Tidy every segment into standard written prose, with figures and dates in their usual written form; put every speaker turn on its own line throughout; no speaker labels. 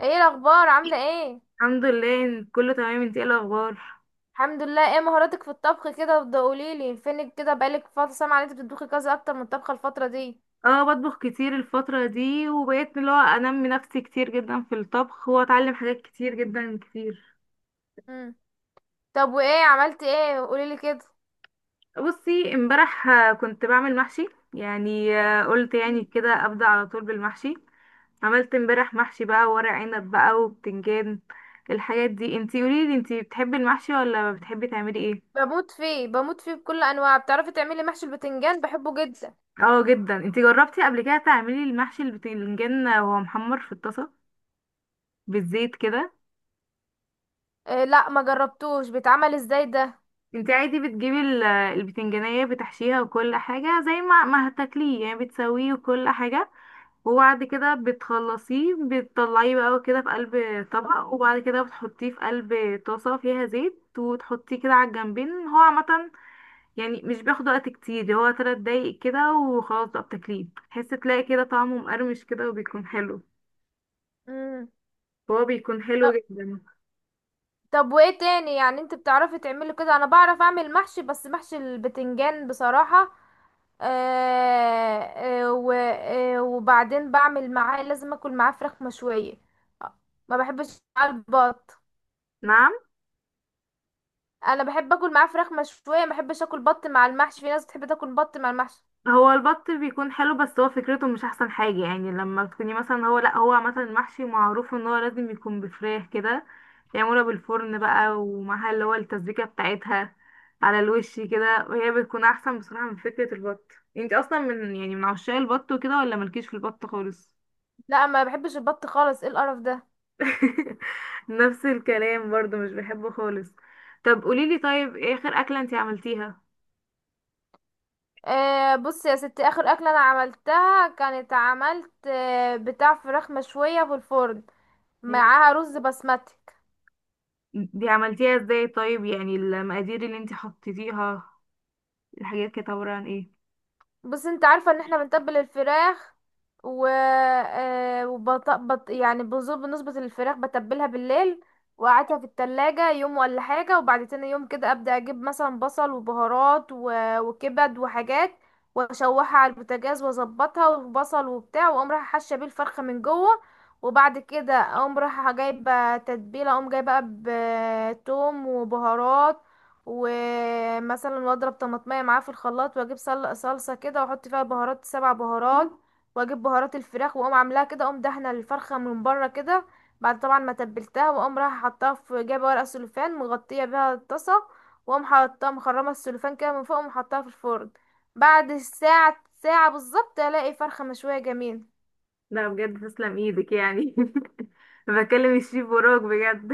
ايه الاخبار عامله ايه؟
الحمد لله إن كله تمام. انت ايه الاخبار؟
الحمد لله. ايه مهاراتك في الطبخ كده؟ وبدا قوليلي فينك كده، بقالك فتره سامعه ان انت بتطبخي كذا اكتر من الطبخه الفتره دي.
اه، بطبخ كتير الفترة دي، وبقيت اللي هو انمي نفسي كتير جدا في الطبخ واتعلم حاجات كتير جدا كتير.
امم. طب وايه عملتي ايه؟ قوليلي كده.
بصي امبارح، كنت بعمل محشي. يعني قلت يعني
مم.
كده ابدأ على طول بالمحشي. عملت امبارح محشي بقى، ورق عنب بقى وبتنجان. الحاجات دي انتي قوليلي، انتي بتحبي المحشي ولا بتحبي تعملي ايه؟
بموت فيه بموت فيه بكل انواع. بتعرفي تعملي محشي البتنجان؟ بحبه جدا.
اه جدا. انتي جربتي قبل كده تعملي المحشي البتنجان وهو محمر في الطاسة بالزيت كده؟
إيه، لا ما جربتوش. بيتعمل ازاي ده؟
انت عادي بتجيبي البتنجانية، بتحشيها وكل حاجة زي ما هتاكليه يعني، بتسويه وكل حاجة. وبعد كده بتخلصيه، بتطلعيه بقى كده في قلب طبق. وبعد كده بتحطيه في قلب طاسة فيها زيت، وتحطيه كده على الجنبين. هو عامة يعني مش بياخد وقت كتير، هو تلات دقايق كده وخلاص بقى، بتاكليه تحس تلاقي كده طعمه مقرمش كده وبيكون حلو.
امم.
هو بيكون
طب
حلو جدا.
طب وايه تاني؟ يعني انت بتعرفي تعملي كده، انا بعرف اعمل محشي بس محشي البتنجان بصراحه. آه، آه، و- وبعدين بعمل معاه، لازم اكل معاه فراخ مشوية. آه، ما بحبش معاه البط.
نعم.
انا بحب اكل معاه فراخ مشوية، ما بحبش اكل بط مع المحشي، في ناس بتحب تاكل بط مع المحشي.
هو البط بيكون حلو، بس هو فكرته مش احسن حاجة يعني، لما تكوني مثلا هو لا هو مثلا المحشي معروف ان هو لازم يكون بفراخ كده، يعملها بالفرن بقى، ومعها اللي هو التسبيكة بتاعتها على الوش كده، وهي بتكون احسن بصراحة من فكرة البط. انت اصلا من عشاق البط وكده، ولا مالكيش في البط خالص؟
لا ما بحبش البط خالص، ايه القرف ده؟
نفس الكلام برضو، مش بحبه خالص. طب قوليلي طيب، ايه اخر اكلة انت عملتيها؟
آه بص يا ستي، اخر اكله انا عملتها كانت عملت بتاع فراخ مشويه في الفرن
يعني
معاها رز بسمتي.
دي عملتيها ازاي طيب؟ يعني المقادير اللي انت حطيتيها، الحاجات كانت عبارة عن ايه؟
بس انت عارفة ان احنا بنتبل الفراخ، و يعني بنظبط الفراخ بتبلها بالليل، وقعدها في التلاجة يوم ولا حاجة. وبعد تاني يوم كده ابدأ اجيب مثلا بصل وبهارات وكبد وحاجات، واشوحها على البوتاجاز واظبطها وبصل وبتاع، واقوم رايحة حاشة بيه الفرخة من جوه. وبعد كده اقوم رايحة جايبة تتبيلة، اقوم جايبة بقى بتوم وبهارات، ومثلا واضرب طماطمية معاه في الخلاط واجيب صلصة كده واحط فيها بهارات سبع بهارات. واجيب بهارات الفراخ واقوم عاملاها كده، اقوم دهنه الفرخة من بره كده بعد طبعا ما تبلتها. واقوم رايحة حطاها في جايبة ورق سلوفان مغطية بيها الطاسة، واقوم حاطاها مخرمة السلوفان كده من فوق، واقوم حطاها في الفرن بعد ساعة ساعة بالظبط الاقي فرخة مشوية جميلة.
لا بجد، تسلم ايدك يعني. بكلم الشيف وراك بجد.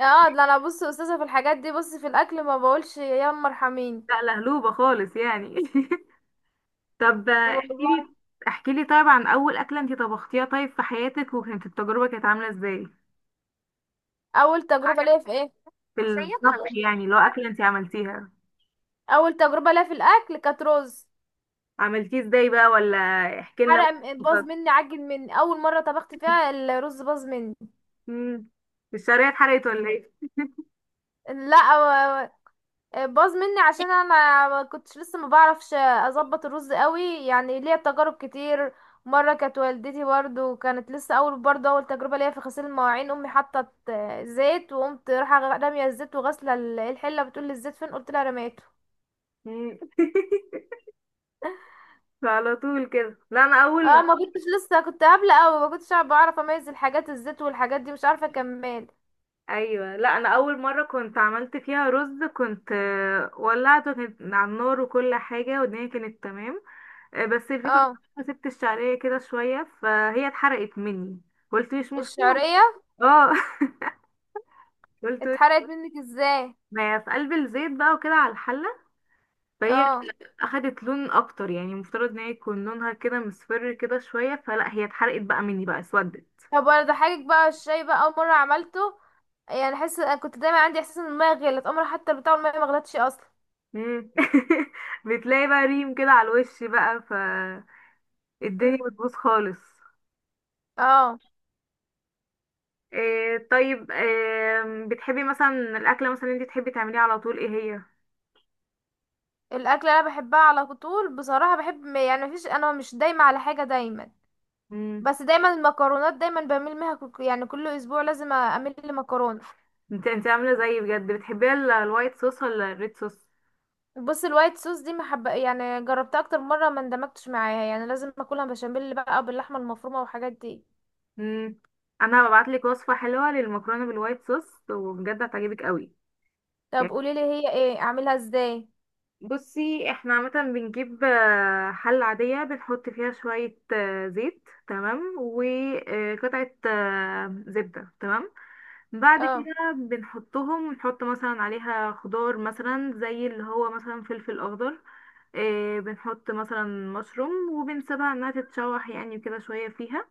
اه ده انا بص استاذة في الحاجات دي، بص في الاكل ما بقولش يا ام ارحميني.
لا لهلوبة خالص يعني. طب
والله.
احكيلي. احكيلي طيب عن اول اكلة انت طبختيها طيب في حياتك، وكانت التجربة كانت عاملة ازاي؟
اول تجربة ليا في ايه؟
في
سيبها
الطبخ
مش
يعني، لو
تنفع.
اكلة انت عملتيها.
اول تجربه ليا في الاكل كانت رز.
عملتيه ازاي بقى؟ ولا احكي لنا
حرق باظ
بقى.
مني، عجن مني، اول مره طبخت فيها الرز باظ مني.
امم الشرايح اتحرقت ولا ايه؟
لا باظ مني عشان انا ما كنتش لسه ما بعرفش اظبط الرز قوي. يعني ليا تجارب كتير. مره كانت والدتي برضو كانت لسه اول برضو اول تجربه ليا في غسيل المواعين، امي حطت زيت وقمت رايحه راميه الزيت وغاسله الحله، بتقول لي الزيت فين؟ قلت لها رميته.
مم. فعلى طول كده، لا انا
اه
اول.
ما كنتش لسه، كنت قابلة اوي ما كنتش بعرف اميز الحاجات، الزيت والحاجات دي مش عارفة اكمل.
ايوه، لا انا اول مره كنت عملت فيها رز، كنت ولعته، كانت على النار وكل حاجه والدنيا كانت تمام. بس الفكره إن
اه.
أنا سبت الشعريه كده شويه فهي اتحرقت مني. قلت مش مشكله.
الشعرية
اه. قلت
اتحرقت منك ازاي؟
ما في قلب الزيت بقى وكده على الحله، فهي
اه.
اخدت لون اكتر يعني. المفترض ان هي يكون لونها كده مصفر كده شويه، فلا، هي اتحرقت بقى مني بقى اسودت.
طب وانا ضحكك بقى، الشاي بقى اول مرة عملته، يعني حس كنت دايما عندي احساس ان المية غلت، عمري حتى بتاع المية ما غلتش اصلا.
مم. بتلاقي بقى ريم كده على الوش، بقى فالدنيا
امم.
بتبوظ خالص.
اه.
إيه طيب، إيه بتحبي مثلا؟ الأكلة مثلا انت تحبي تعمليها على طول، ايه هي؟
الاكل اللي انا بحبها على طول بصراحة، بحب يعني مفيش، انا مش دايما على حاجة دايما.
مم.
بس دايما المكرونات دايما بميل منها، يعني كل اسبوع لازم اعمل لي مكرونة.
انت عاملة زيي بجد! بتحبيها الوايت صوص ولا الريد صوص؟
بص الوايت صوص دي محب، يعني جربتها اكتر مره ما اندمجتش معاها. يعني لازم اكلها بشاميل بقى او باللحمه المفرومه والحاجات دي.
مم. انا هبعتلك وصفة حلوة للمكرونة بالوايت صوص، وبجد هتعجبك قوي.
طب
يعني
قولي لي هي ايه، اعملها ازاي؟
بصي، احنا عامة بنجيب حلة عادية، بنحط فيها شوية زيت تمام، وقطعة زبدة تمام. بعد
اه.
كده نحط مثلا عليها خضار مثلا زي اللي هو مثلا فلفل اخضر. إيه، بنحط مثلا مشروم، وبنسيبها انها تتشوح يعني كده شوية فيها.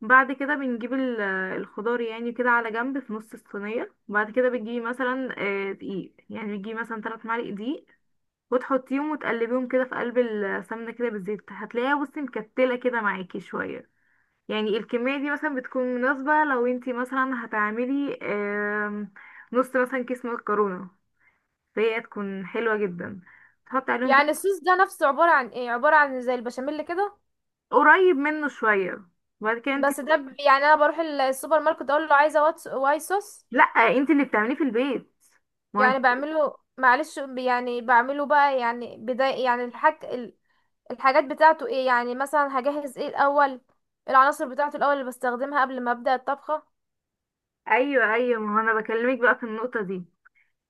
بعد كده بنجيب الخضار يعني كده على جنب في نص الصينية، وبعد كده بتجيبي مثلا دقيق. يعني بتجيبي مثلا تلات معالق دقيق، وتحطيهم وتقلبيهم كده في قلب السمنة كده بالزيت، هتلاقيها بصي مكتلة كده معاكي شوية. يعني الكمية دي مثلا بتكون مناسبة لو انتي مثلا هتعملي نص مثلا كيس مكرونة، فهي تكون حلوة جدا. تحطي عليهم
يعني
تلات-،
الصوص ده نفسه عباره عن ايه، عباره عن زي البشاميل كده؟
قريب منه شوية. وبعد كده انتي،
بس ده يعني انا بروح السوبر ماركت اقول له عايزه وايت صوص.
لأ، انتي اللي بتعمليه في البيت. ما انت،
يعني بعمله معلش، يعني بعمله بقى يعني بداية، يعني الحاجات بتاعته ايه؟ يعني مثلا هجهز ايه الاول، العناصر بتاعته الاول اللي بستخدمها قبل ما ابدا الطبخه.
ايوه، ايوه، ما هو انا بكلمك بقى في النقطة دي.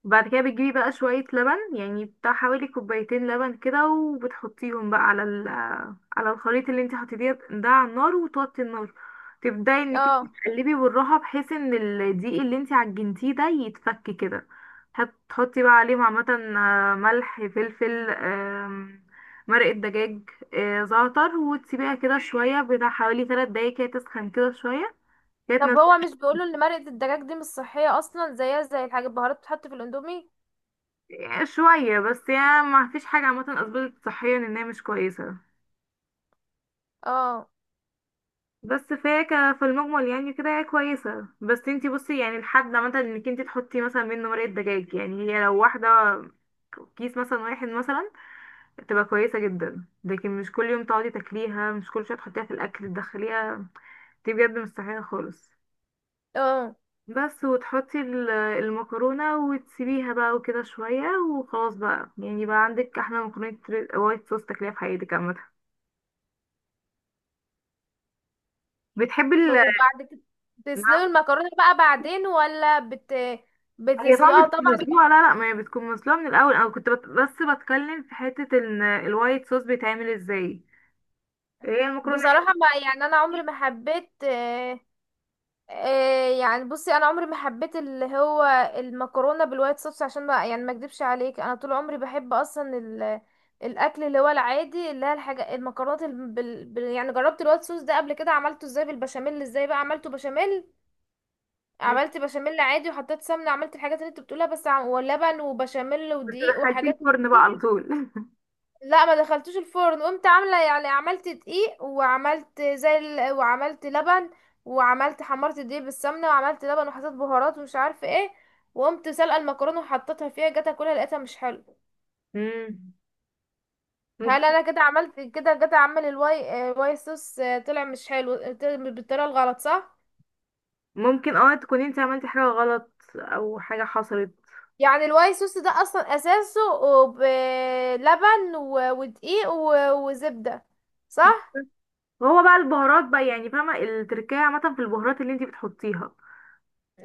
بعد كده بتجيبي بقى شوية لبن، يعني بتاع حوالي كوبايتين لبن كده، وبتحطيهم بقى على الخليط اللي انت حطيتيه ده على النار، وتوطي النار. تبدأي انك انت
اه.
تقلبي بالراحة، بحيث ان الدقيق اللي انت عجنتيه ده يتفك كده. هتحطي بقى عليهم عامة ملح فلفل مرقة دجاج زعتر، وتسيبيها كده شوية بتاع حوالي تلات دقايق كده تسخن كده شوية. كانت
طب هو مش بيقولوا ان مرقة الدجاج دي مش صحية اصلا، زيها زي الحاجات البهارات بتتحط في الاندومي؟
شوية بس يعني، ما فيش حاجة عامة أثبتت صحيا إنها مش كويسة.
اه.
بس فهي في المجمل يعني كده هي كويسة، بس انتي بصي يعني، الحد عامة انك انتي تحطي مثلا منه مرقة دجاج يعني، هي لو واحدة كيس مثلا واحد مثلا، تبقى كويسة جدا. لكن مش كل يوم تقعدي تاكليها، مش كل شوية تحطيها في الأكل تدخليها، دي بجد مستحيلة خالص.
اه.
بس وتحطي المكرونة وتسيبيها بقى وكده شوية، وخلاص بقى يعني بقى عندك أحلى مكرونة وايت صوص تاكليها في حياتك عامة. بتحبي ال-،
وبعد كده تسلقوا المكرونة بقى بعدين ولا
هي طبعا
بتسلقها
بتكون
طبعا.
مسلوقة. لا، لا، ما هي بتكون مسلوقة من الأول. أنا كنت بس بتكلم في حتة إن الوايت صوص بيتعمل ازاي. هي المكرونة.
بصراحة ما يعني انا عمري ما حبيت، يعني بصي انا عمري ما حبيت اللي هو المكرونة بالوايت صوص. عشان ما يعني ما اكدبش عليك، انا طول عمري بحب اصلا الاكل اللي هو العادي، اللي هي الحاجه المكرونات يعني جربت الوايت صوص ده قبل كده. عملته ازاي بالبشاميل؟ ازاي بقى عملته بشاميل؟
مم.
عملت بشاميل عادي وحطيت سمنه، عملت الحاجات اللي انت بتقولها بس ولبن وبشاميل ودقيق
بتدخل في
وحاجات من
الفرن بقى
دي.
على طول؟
لا ما دخلتوش الفرن، قمت عامله يعني عملت دقيق وعملت زي وعملت لبن، وعملت حمرت الدقيق بالسمنه وعملت لبن وحطيت بهارات ومش عارفه ايه، وقمت سلقه المكرونه وحطيتها فيها، جت اكلها لقيتها مش حلو.
مم.
هل
ممكن.
انا كده عملت كده، جت اعمل الواي واي صوص، طلع مش حلو، بالطريقه الغلط صح؟
ممكن اه، تكوني انت عملتي حاجة غلط أو حاجة حصلت.
يعني الواي صوص ده اصلا اساسه بلبن ودقيق وزبده صح؟
هو بقى البهارات بقى يعني، فاهمة التركية عامة في البهارات اللي انت بتحطيها.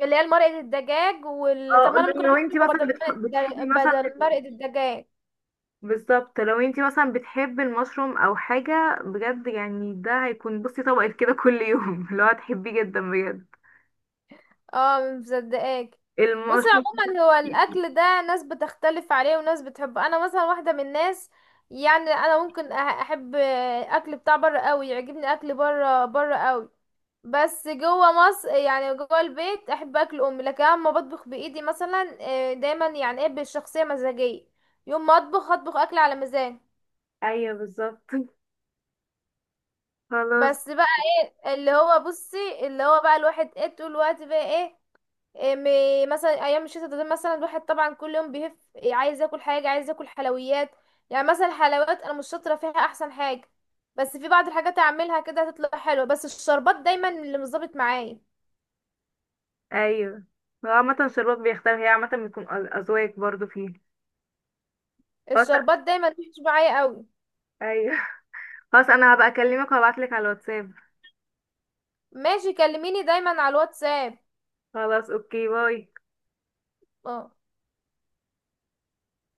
اللي هي مرقه الدجاج طب
اه.
ما انا ممكن
لو
احط
انت
شوكه
مثلا
بدل مرقه
بتحبي
الدجاج
مثلا،
بدل مرقه الدجاج.
بالظبط، لو انتي مثلا بتحبي المشروم او حاجة بجد يعني، ده هيكون بصي طبقة كده كل يوم. اللي هو هتحبيه جدا بجد.
اه مصدقاك. بصي
المشروم.
عموما هو الاكل ده ناس بتختلف عليه وناس بتحبه، انا مثلا واحده من الناس، يعني انا ممكن احب اكل بتاع بره قوي، يعجبني اكل بره بره قوي. بس جوه مصر يعني جوه البيت احب اكل امي، لكن اما بطبخ بايدي مثلا دايما يعني ايه، بالشخصيه مزاجيه، يوم ما اطبخ اطبخ اكل على مزاج.
ايوه، بالظبط. خلاص.
بس بقى اللي هو بصي اللي هو بقى الواحد ايه طول الوقت بقى ايه، مثلا ايام الشتاء ده مثلا الواحد طبعا كل يوم بيهف، عايز ياكل حاجه، عايز ياكل حلويات. يعني مثلا الحلويات انا مش شاطره فيها احسن حاجه، بس في بعض الحاجات اعملها كده هتطلع حلوه. بس الشربات دايما اللي مش ظابط معايا،
ايوه. هو عامة شربات بيختار، هي عامة بيكون أذواق برضو فيه. خلاص.
الشربات دايما مش معايا قوي.
ايوه. خلاص، انا هبقى اكلمك وهبعتلك على الواتساب.
ماشي، كلميني دايما على الواتساب.
خلاص، اوكي، باي.
اه.